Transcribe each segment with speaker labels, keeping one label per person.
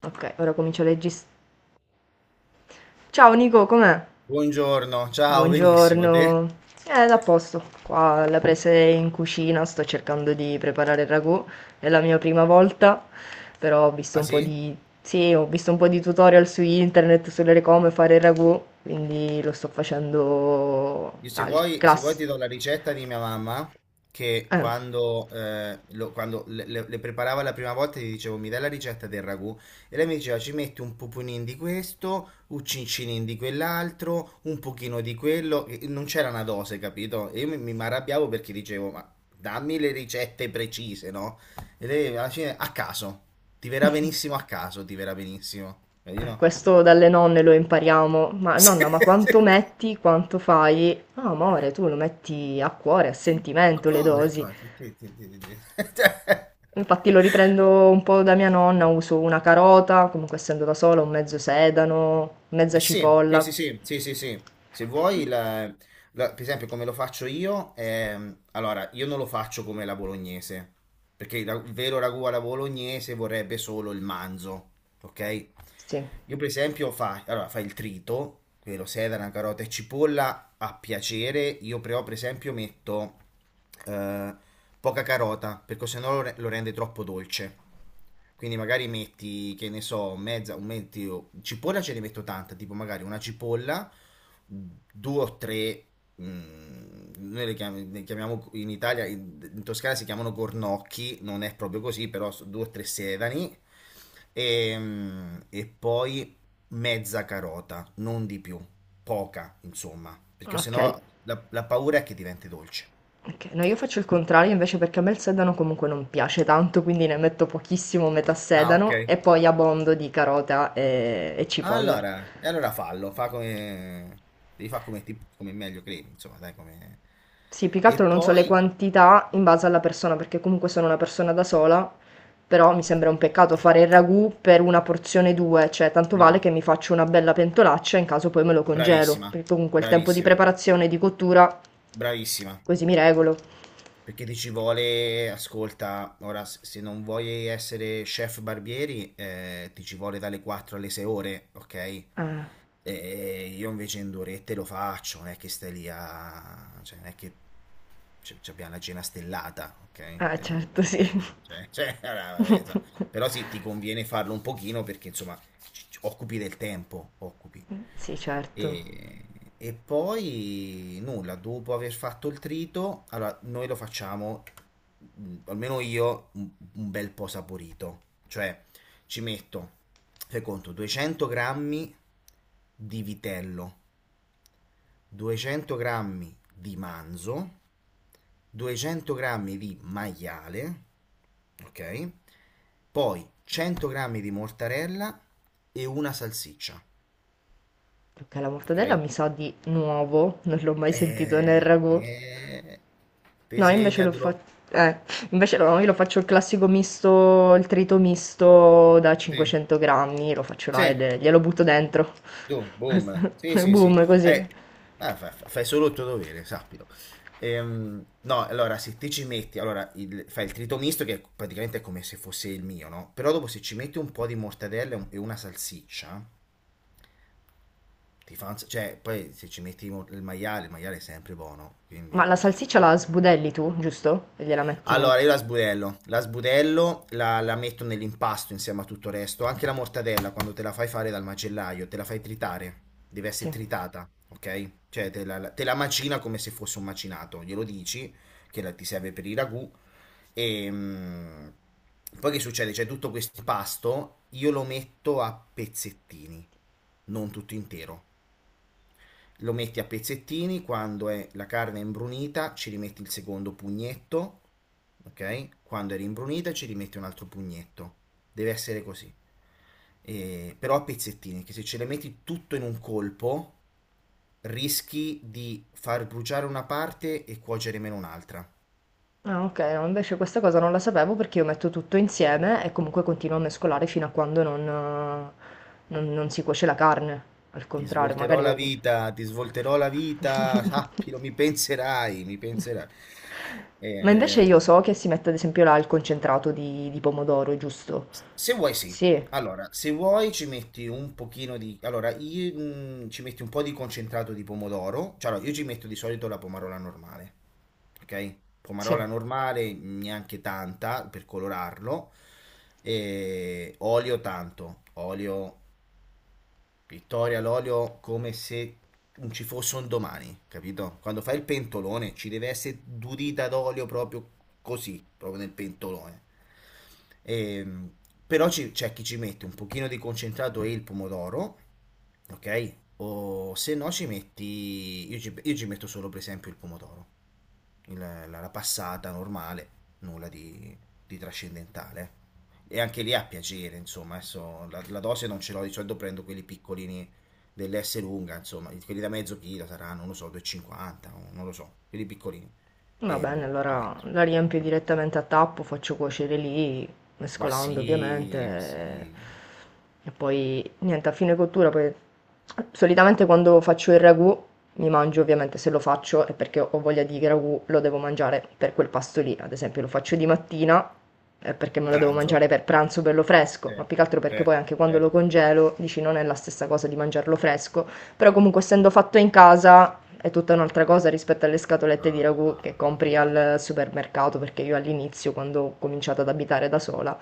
Speaker 1: Ok, ora comincio a leggere. Ciao Nico, com'è?
Speaker 2: Buongiorno, ciao, benissimo, te?
Speaker 1: Buongiorno. A posto. Qua la presa in cucina, sto cercando di preparare il ragù. È la mia prima volta, però ho visto
Speaker 2: Ah
Speaker 1: un po'
Speaker 2: sì?
Speaker 1: di... Sì, ho visto un po' di tutorial su internet sulle come fare il ragù, quindi lo sto facendo
Speaker 2: Io se
Speaker 1: al
Speaker 2: vuoi, se vuoi
Speaker 1: class...
Speaker 2: ti do la ricetta di mia mamma che
Speaker 1: Eh,
Speaker 2: quando le preparava la prima volta gli dicevo mi dai la ricetta del ragù e lei mi diceva ci metti un pupunin di questo, un cincinin di quell'altro, un pochino di quello, e non c'era una dose, capito? E io mi arrabbiavo perché dicevo ma dammi le ricette precise, no? E lei alla fine a caso, ti verrà benissimo a caso, ti verrà benissimo, vedi no?
Speaker 1: questo dalle nonne lo impariamo. Ma
Speaker 2: Sì,
Speaker 1: nonna, ma quanto
Speaker 2: sì.
Speaker 1: metti, quanto fai? No, amore, tu lo metti a cuore, a
Speaker 2: Sì, ma
Speaker 1: sentimento le
Speaker 2: poveri, no,
Speaker 1: dosi.
Speaker 2: effettivamente, sì, sì, sì. Cioè,
Speaker 1: Infatti lo riprendo un po' da mia nonna, uso una carota, comunque essendo da sola, un mezzo sedano, mezza
Speaker 2: sì, sì, sì,
Speaker 1: cipolla.
Speaker 2: sì, sì, sì, sì. Se vuoi, per esempio, come lo faccio io, allora, io non lo faccio come la bolognese, perché il vero ragù alla bolognese vorrebbe solo il manzo, ok?
Speaker 1: Sì,
Speaker 2: Io, per esempio, fai, allora, fai il trito, quello sedana, carota e cipolla, a piacere, io però, per esempio, metto eh, poca carota, perché sennò lo rende troppo dolce. Quindi magari metti, che ne so, mezza, un metti, cipolla ce ne metto tanta, tipo magari una cipolla, due o tre, noi le chiamiamo in Italia, in Toscana si chiamano gornocchi, non è proprio così, però due o tre sedani, e poi mezza carota, non di più, poca, insomma, perché
Speaker 1: ok.
Speaker 2: sennò la paura è che diventi dolce.
Speaker 1: Ok, no, io faccio il contrario invece perché a me il sedano comunque non piace tanto, quindi ne metto pochissimo, metà
Speaker 2: Ah, ok.
Speaker 1: sedano, e poi abbondo di carota e cipolla.
Speaker 2: Allora, e allora fallo, fa come, devi fare come, come meglio credi, insomma, dai, come.
Speaker 1: Sì, più che
Speaker 2: E
Speaker 1: altro non so le
Speaker 2: poi,
Speaker 1: quantità in base alla persona, perché comunque sono una persona da sola, però mi sembra un peccato fare il ragù per una porzione due, cioè tanto vale
Speaker 2: no,
Speaker 1: che mi faccio una bella pentolaccia in caso poi me lo congelo,
Speaker 2: bravissima,
Speaker 1: perché comunque il tempo di
Speaker 2: bravissima,
Speaker 1: preparazione e di cottura
Speaker 2: bravissima.
Speaker 1: così mi regolo.
Speaker 2: Perché ti ci vuole, ascolta, ora se non vuoi essere chef barbieri, ti ci vuole dalle 4 alle 6 ore, ok?
Speaker 1: Ah,
Speaker 2: E io invece in due orette lo faccio, non è che stai lì a, cioè non è che ci abbiamo la cena stellata, ok?
Speaker 1: ah, certo,
Speaker 2: Mi
Speaker 1: sì.
Speaker 2: intendi? Cioè, cioè, allora, vabbè, insomma. Però sì, ti conviene farlo un pochino perché insomma occupi del tempo, occupi.
Speaker 1: Sì, certo.
Speaker 2: E poi nulla, dopo aver fatto il trito, allora noi lo facciamo, almeno io, un bel po' saporito. Cioè ci metto, fai conto, 200 grammi di vitello, 200 grammi di manzo, 200 grammi di maiale, ok? Poi 100 grammi di mortarella e una salsiccia,
Speaker 1: Perché la mortadella
Speaker 2: ok?
Speaker 1: mi sa di nuovo, non l'ho mai sentito nel
Speaker 2: Eh,
Speaker 1: ragù.
Speaker 2: eh, Te
Speaker 1: No, io invece lo fa
Speaker 2: segnatelo.
Speaker 1: eh, invece no, io lo faccio il classico misto il trito misto da
Speaker 2: Sì,
Speaker 1: 500 grammi, lo faccio là e
Speaker 2: sì,
Speaker 1: le glielo butto dentro.
Speaker 2: dum,
Speaker 1: Questo
Speaker 2: boom. Sì,
Speaker 1: e
Speaker 2: sì, sì.
Speaker 1: boom, così.
Speaker 2: Fai solo il tuo dovere, sappilo. No, allora, se te ci metti, allora, fai il trito misto, che praticamente è come se fosse il mio, no? Però dopo se ci metti un po' di mortadella e e una salsiccia, ti fa cioè, poi se ci metti il maiale è sempre buono, quindi.
Speaker 1: Ma la salsiccia la sbudelli tu, giusto? E gliela metti
Speaker 2: Allora, io la sbudello, la metto nell'impasto insieme a tutto il resto, anche la mortadella quando te la fai fare dal macellaio, te la fai tritare, deve essere
Speaker 1: sì.
Speaker 2: tritata, ok? Cioè te la macina come se fosse un macinato, glielo dici che ti serve per i ragù e poi che succede? C'è tutto questo impasto, io lo metto a pezzettini, non tutto intero lo metti a pezzettini, quando è la carne è imbrunita ci rimetti il secondo pugnetto, ok? Quando è rimbrunita ci rimetti un altro pugnetto, deve essere così. Però a pezzettini, che se ce le metti tutto in un colpo rischi di far bruciare una parte e cuocere meno un'altra.
Speaker 1: Ah, okay, no, invece questa cosa non la sapevo perché io metto tutto insieme e comunque continuo a mescolare fino a quando non non si cuoce la carne. Al
Speaker 2: Ti
Speaker 1: contrario,
Speaker 2: svolterò
Speaker 1: magari
Speaker 2: la
Speaker 1: io
Speaker 2: vita, ti svolterò la vita, sappilo, mi penserai, mi penserai. Eh,
Speaker 1: ma invece io
Speaker 2: ehm,
Speaker 1: so che si mette ad esempio là il concentrato di pomodoro, giusto?
Speaker 2: Se vuoi, sì.
Speaker 1: Sì,
Speaker 2: Allora, se vuoi ci metti un pochino di. Allora, io, ci metti un po' di concentrato di pomodoro. Cioè, allora, io ci metto di solito la pomarola normale. Ok?
Speaker 1: sì.
Speaker 2: Pomarola normale, neanche tanta per colorarlo. E olio tanto. Olio Vittoria all'olio come se non ci fosse un domani, capito? Quando fai il pentolone ci deve essere durita d'olio proprio così, proprio nel pentolone. Ehm, Però c'è chi ci mette un pochino di concentrato e il pomodoro, ok? O se no ci metti, io ci metto solo per esempio il pomodoro la passata normale, nulla di trascendentale. E anche lì a piacere, insomma, adesso la dose non ce l'ho, di solito prendo quelli piccolini dell'S lunga, insomma, quelli da mezzo chilo saranno, non lo so, 2,50, o non lo so, quelli piccolini,
Speaker 1: Va
Speaker 2: e
Speaker 1: bene,
Speaker 2: butto
Speaker 1: allora
Speaker 2: dentro.
Speaker 1: la riempio direttamente a tappo, faccio cuocere lì, mescolando ovviamente.
Speaker 2: Ma sì,
Speaker 1: E poi niente, a fine cottura, poi solitamente quando faccio il ragù mi mangio ovviamente se lo faccio è perché ho voglia di ragù, lo devo mangiare per quel pasto lì. Ad esempio lo faccio di mattina è perché me lo devo
Speaker 2: pranzo,
Speaker 1: mangiare per pranzo bello fresco, ma
Speaker 2: certo,
Speaker 1: più che altro perché poi
Speaker 2: certo,
Speaker 1: anche quando lo
Speaker 2: certo.
Speaker 1: congelo, dici non è la stessa cosa di mangiarlo fresco, però comunque essendo fatto in casa è tutta un'altra cosa rispetto alle scatolette di ragù che
Speaker 2: Ah,
Speaker 1: compri al supermercato, perché io all'inizio, quando ho cominciato ad abitare da sola,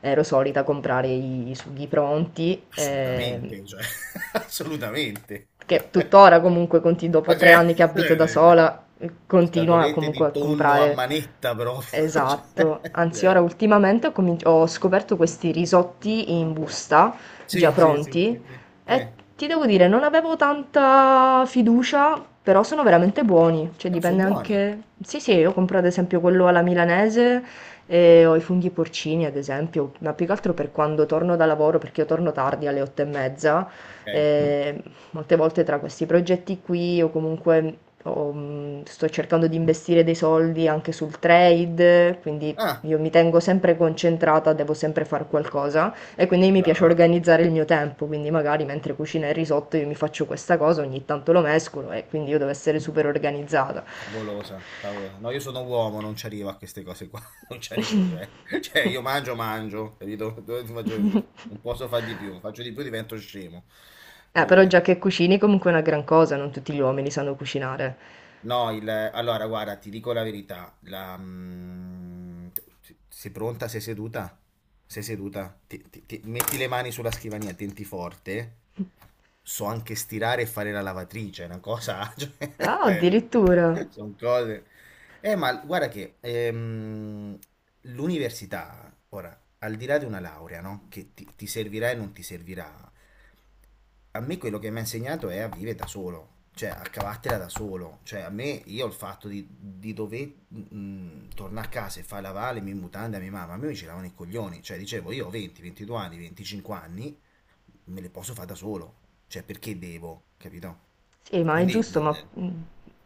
Speaker 1: ero solita comprare i sughi pronti,
Speaker 2: assolutamente, cioè, assolutamente.
Speaker 1: che tuttora comunque dopo
Speaker 2: Ma
Speaker 1: tre
Speaker 2: c'è.
Speaker 1: anni che abito da sola, continuo
Speaker 2: Scatolette
Speaker 1: comunque
Speaker 2: di
Speaker 1: a
Speaker 2: tonno a
Speaker 1: comprare.
Speaker 2: manetta proprio.
Speaker 1: Esatto,
Speaker 2: Cioè,
Speaker 1: anzi ora
Speaker 2: cioè,
Speaker 1: ultimamente ho scoperto questi risotti in busta già
Speaker 2: sì, sì, sì,
Speaker 1: pronti
Speaker 2: sì, sì.
Speaker 1: e
Speaker 2: Sì.
Speaker 1: ti devo dire, non avevo tanta fiducia, però sono veramente buoni, cioè
Speaker 2: No, sono
Speaker 1: dipende
Speaker 2: buoni.
Speaker 1: anche... Sì, sì, io compro ad esempio quello alla milanese e ho i funghi porcini ad esempio, ma più che altro per quando torno da lavoro, perché io torno tardi alle 8:30,
Speaker 2: Ok.
Speaker 1: e molte volte tra questi progetti qui o comunque sto cercando di investire dei soldi anche sul trade, quindi
Speaker 2: Ah,
Speaker 1: io mi tengo sempre concentrata, devo sempre fare qualcosa. E quindi mi piace
Speaker 2: brava.
Speaker 1: organizzare il mio tempo, quindi magari mentre cucina il risotto io mi faccio questa cosa, ogni tanto lo mescolo e quindi io devo essere super organizzata.
Speaker 2: Favolosa, favolosa. No, io sono uomo, non ci arrivo a queste cose qua. Non ci arrivo, cioè. Cioè, io mangio, mangio, capito? Dove ti faccio. Non posso fare di più. Faccio di più, divento scemo.
Speaker 1: Però
Speaker 2: Divento.
Speaker 1: già che cucini comunque è una gran cosa, non tutti gli uomini sanno cucinare.
Speaker 2: No, allora guarda, ti dico la verità, sei pronta? Sei seduta? Sei seduta? Metti le mani sulla scrivania, tenti forte. So anche stirare e fare la lavatrice, è una cosa,
Speaker 1: Ah,
Speaker 2: cioè,
Speaker 1: addirittura.
Speaker 2: sono cose. Ma guarda che l'università, ora, al di là di una laurea, no? Che ti servirà e non ti servirà, a me quello che mi ha insegnato è a vivere da solo, cioè a cavartela da solo. Cioè a me, io il fatto di dover tornare a casa e fare la vale, mi mutanda, a mia mamma, a me mi giravano i coglioni. Cioè dicevo, io ho 20, 22 anni, 25 anni, me le posso fare da solo. Cioè perché devo, capito?
Speaker 1: Sì, ma è
Speaker 2: Quindi.
Speaker 1: giusto, ma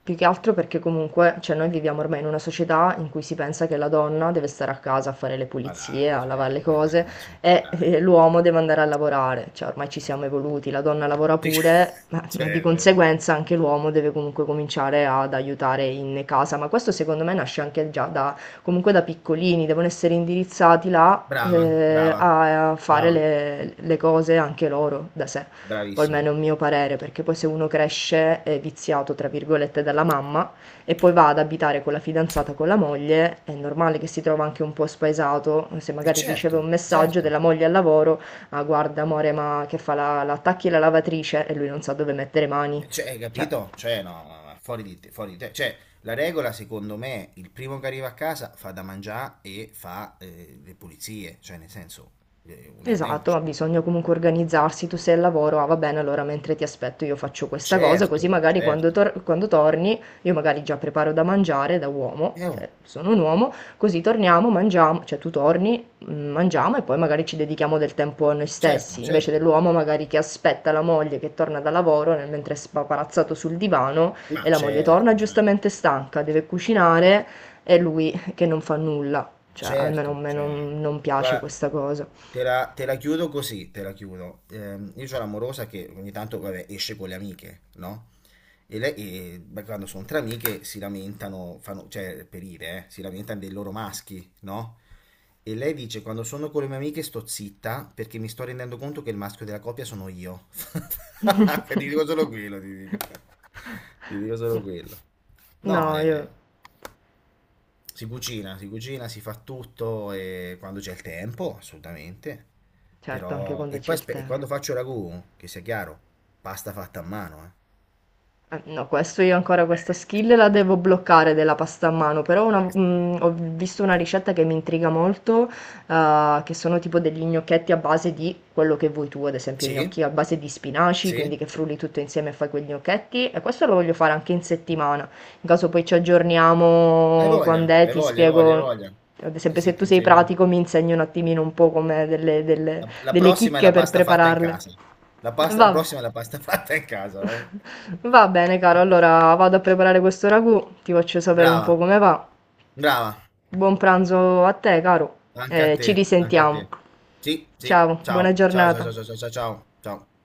Speaker 1: più che altro perché comunque, cioè noi viviamo ormai in una società in cui si pensa che la donna deve stare a casa a fare le
Speaker 2: Ma
Speaker 1: pulizie,
Speaker 2: dai,
Speaker 1: a
Speaker 2: cioè,
Speaker 1: lavare le cose
Speaker 2: dai, cioè,
Speaker 1: e
Speaker 2: dai.
Speaker 1: l'uomo deve andare a lavorare, cioè ormai ci siamo evoluti, la donna lavora pure, ma di
Speaker 2: Cioè,
Speaker 1: conseguenza anche l'uomo deve comunque cominciare ad aiutare in casa, ma questo secondo me nasce anche già da, comunque da piccolini, devono essere indirizzati là
Speaker 2: brava, brava,
Speaker 1: a fare
Speaker 2: brava,
Speaker 1: le cose anche loro da sé o
Speaker 2: bravissima.
Speaker 1: almeno è un mio parere, perché poi se uno cresce è viziato, tra virgolette, dalla mamma e poi va ad abitare con la fidanzata, con la moglie, è normale che si trova anche un po' spaesato, se
Speaker 2: E
Speaker 1: magari
Speaker 2: certo,
Speaker 1: riceve un messaggio
Speaker 2: certo.
Speaker 1: della moglie al lavoro, ah guarda amore, ma che fa la attacchi la lavatrice e lui non sa dove mettere mani.
Speaker 2: Cioè, hai
Speaker 1: Cioè,
Speaker 2: capito? Cioè, no, ma fuori di te, fuori di te. Cioè, la regola, secondo me, il primo che arriva a casa fa da mangiare e fa le pulizie. Cioè, nel senso, eh, un, un, un-
Speaker 1: esatto, ma bisogna comunque organizzarsi. Tu sei al lavoro: "Ah, va bene, allora mentre ti aspetto io faccio questa cosa", così
Speaker 2: certo,
Speaker 1: magari quando
Speaker 2: certo.
Speaker 1: tor quando torni io magari già preparo da mangiare da uomo,
Speaker 2: Oh,
Speaker 1: se sono un uomo, così torniamo, mangiamo cioè tu torni, mangiamo e poi magari ci dedichiamo del tempo a noi
Speaker 2: certo,
Speaker 1: stessi, invece
Speaker 2: certo.
Speaker 1: dell'uomo magari che aspetta la moglie che torna dal lavoro nel mentre è spaparazzato sul divano
Speaker 2: Ma
Speaker 1: e la moglie torna
Speaker 2: certo, cioè.
Speaker 1: giustamente stanca, deve cucinare e lui che non fa nulla. Cioè, almeno a
Speaker 2: Certo,
Speaker 1: me
Speaker 2: cioè,
Speaker 1: non piace
Speaker 2: guarda,
Speaker 1: questa cosa.
Speaker 2: te la chiudo così, te la chiudo. Io ho l'amorosa che ogni tanto, vabbè, esce con le amiche, no? E lei, Beh, quando sono tra amiche, si lamentano, fanno, cioè, per dire, si lamentano dei loro maschi, no? E lei dice, quando sono con le mie amiche sto zitta perché mi sto rendendo conto che il maschio della coppia sono io. Ti dico solo quello, ti dico. Ti dico solo quello. No,
Speaker 1: No, io
Speaker 2: è. Si cucina, si cucina, si fa tutto e quando c'è il tempo, assolutamente.
Speaker 1: certo, anche
Speaker 2: Però,
Speaker 1: quando
Speaker 2: e
Speaker 1: c'è
Speaker 2: poi
Speaker 1: il
Speaker 2: aspe- e
Speaker 1: tempo.
Speaker 2: quando faccio ragù, che sia chiaro, pasta fatta a mano, eh.
Speaker 1: No, questo io ancora questa
Speaker 2: Beh, questa,
Speaker 1: skill la
Speaker 2: questa,
Speaker 1: devo bloccare della pasta a mano, però una-
Speaker 2: questa.
Speaker 1: mm, ho visto una ricetta che mi intriga molto, che sono tipo degli gnocchetti a base di quello che vuoi tu, ad esempio
Speaker 2: Sì,
Speaker 1: gnocchi a base di spinaci,
Speaker 2: sì.
Speaker 1: quindi che frulli tutto insieme e fai quegli gnocchetti, e questo lo voglio fare anche in settimana, in caso poi ci
Speaker 2: Hai
Speaker 1: aggiorniamo
Speaker 2: voglia,
Speaker 1: quando è,
Speaker 2: hai
Speaker 1: ti
Speaker 2: voglia, hai voglia,
Speaker 1: spiego,
Speaker 2: hai voglia.
Speaker 1: ad
Speaker 2: Sì,
Speaker 1: esempio
Speaker 2: sì,
Speaker 1: se
Speaker 2: ti
Speaker 1: tu sei
Speaker 2: insegno.
Speaker 1: pratico mi insegni un attimino un po' come delle, delle
Speaker 2: La
Speaker 1: delle
Speaker 2: prossima è
Speaker 1: chicche
Speaker 2: la
Speaker 1: per
Speaker 2: pasta fatta in
Speaker 1: prepararle.
Speaker 2: casa. La
Speaker 1: Va
Speaker 2: prossima è la pasta fatta in casa, eh.
Speaker 1: Va bene, caro, allora vado a preparare questo ragù, ti faccio sapere un
Speaker 2: Brava,
Speaker 1: po' come va.
Speaker 2: brava.
Speaker 1: Buon pranzo a te, caro,
Speaker 2: Anche a
Speaker 1: e ci
Speaker 2: te, anche a
Speaker 1: risentiamo.
Speaker 2: te. Sì, sì.
Speaker 1: Ciao, buona
Speaker 2: Ciao, ciao, ciao,
Speaker 1: giornata.
Speaker 2: ciao, ciao, ciao, ciao. Ciao.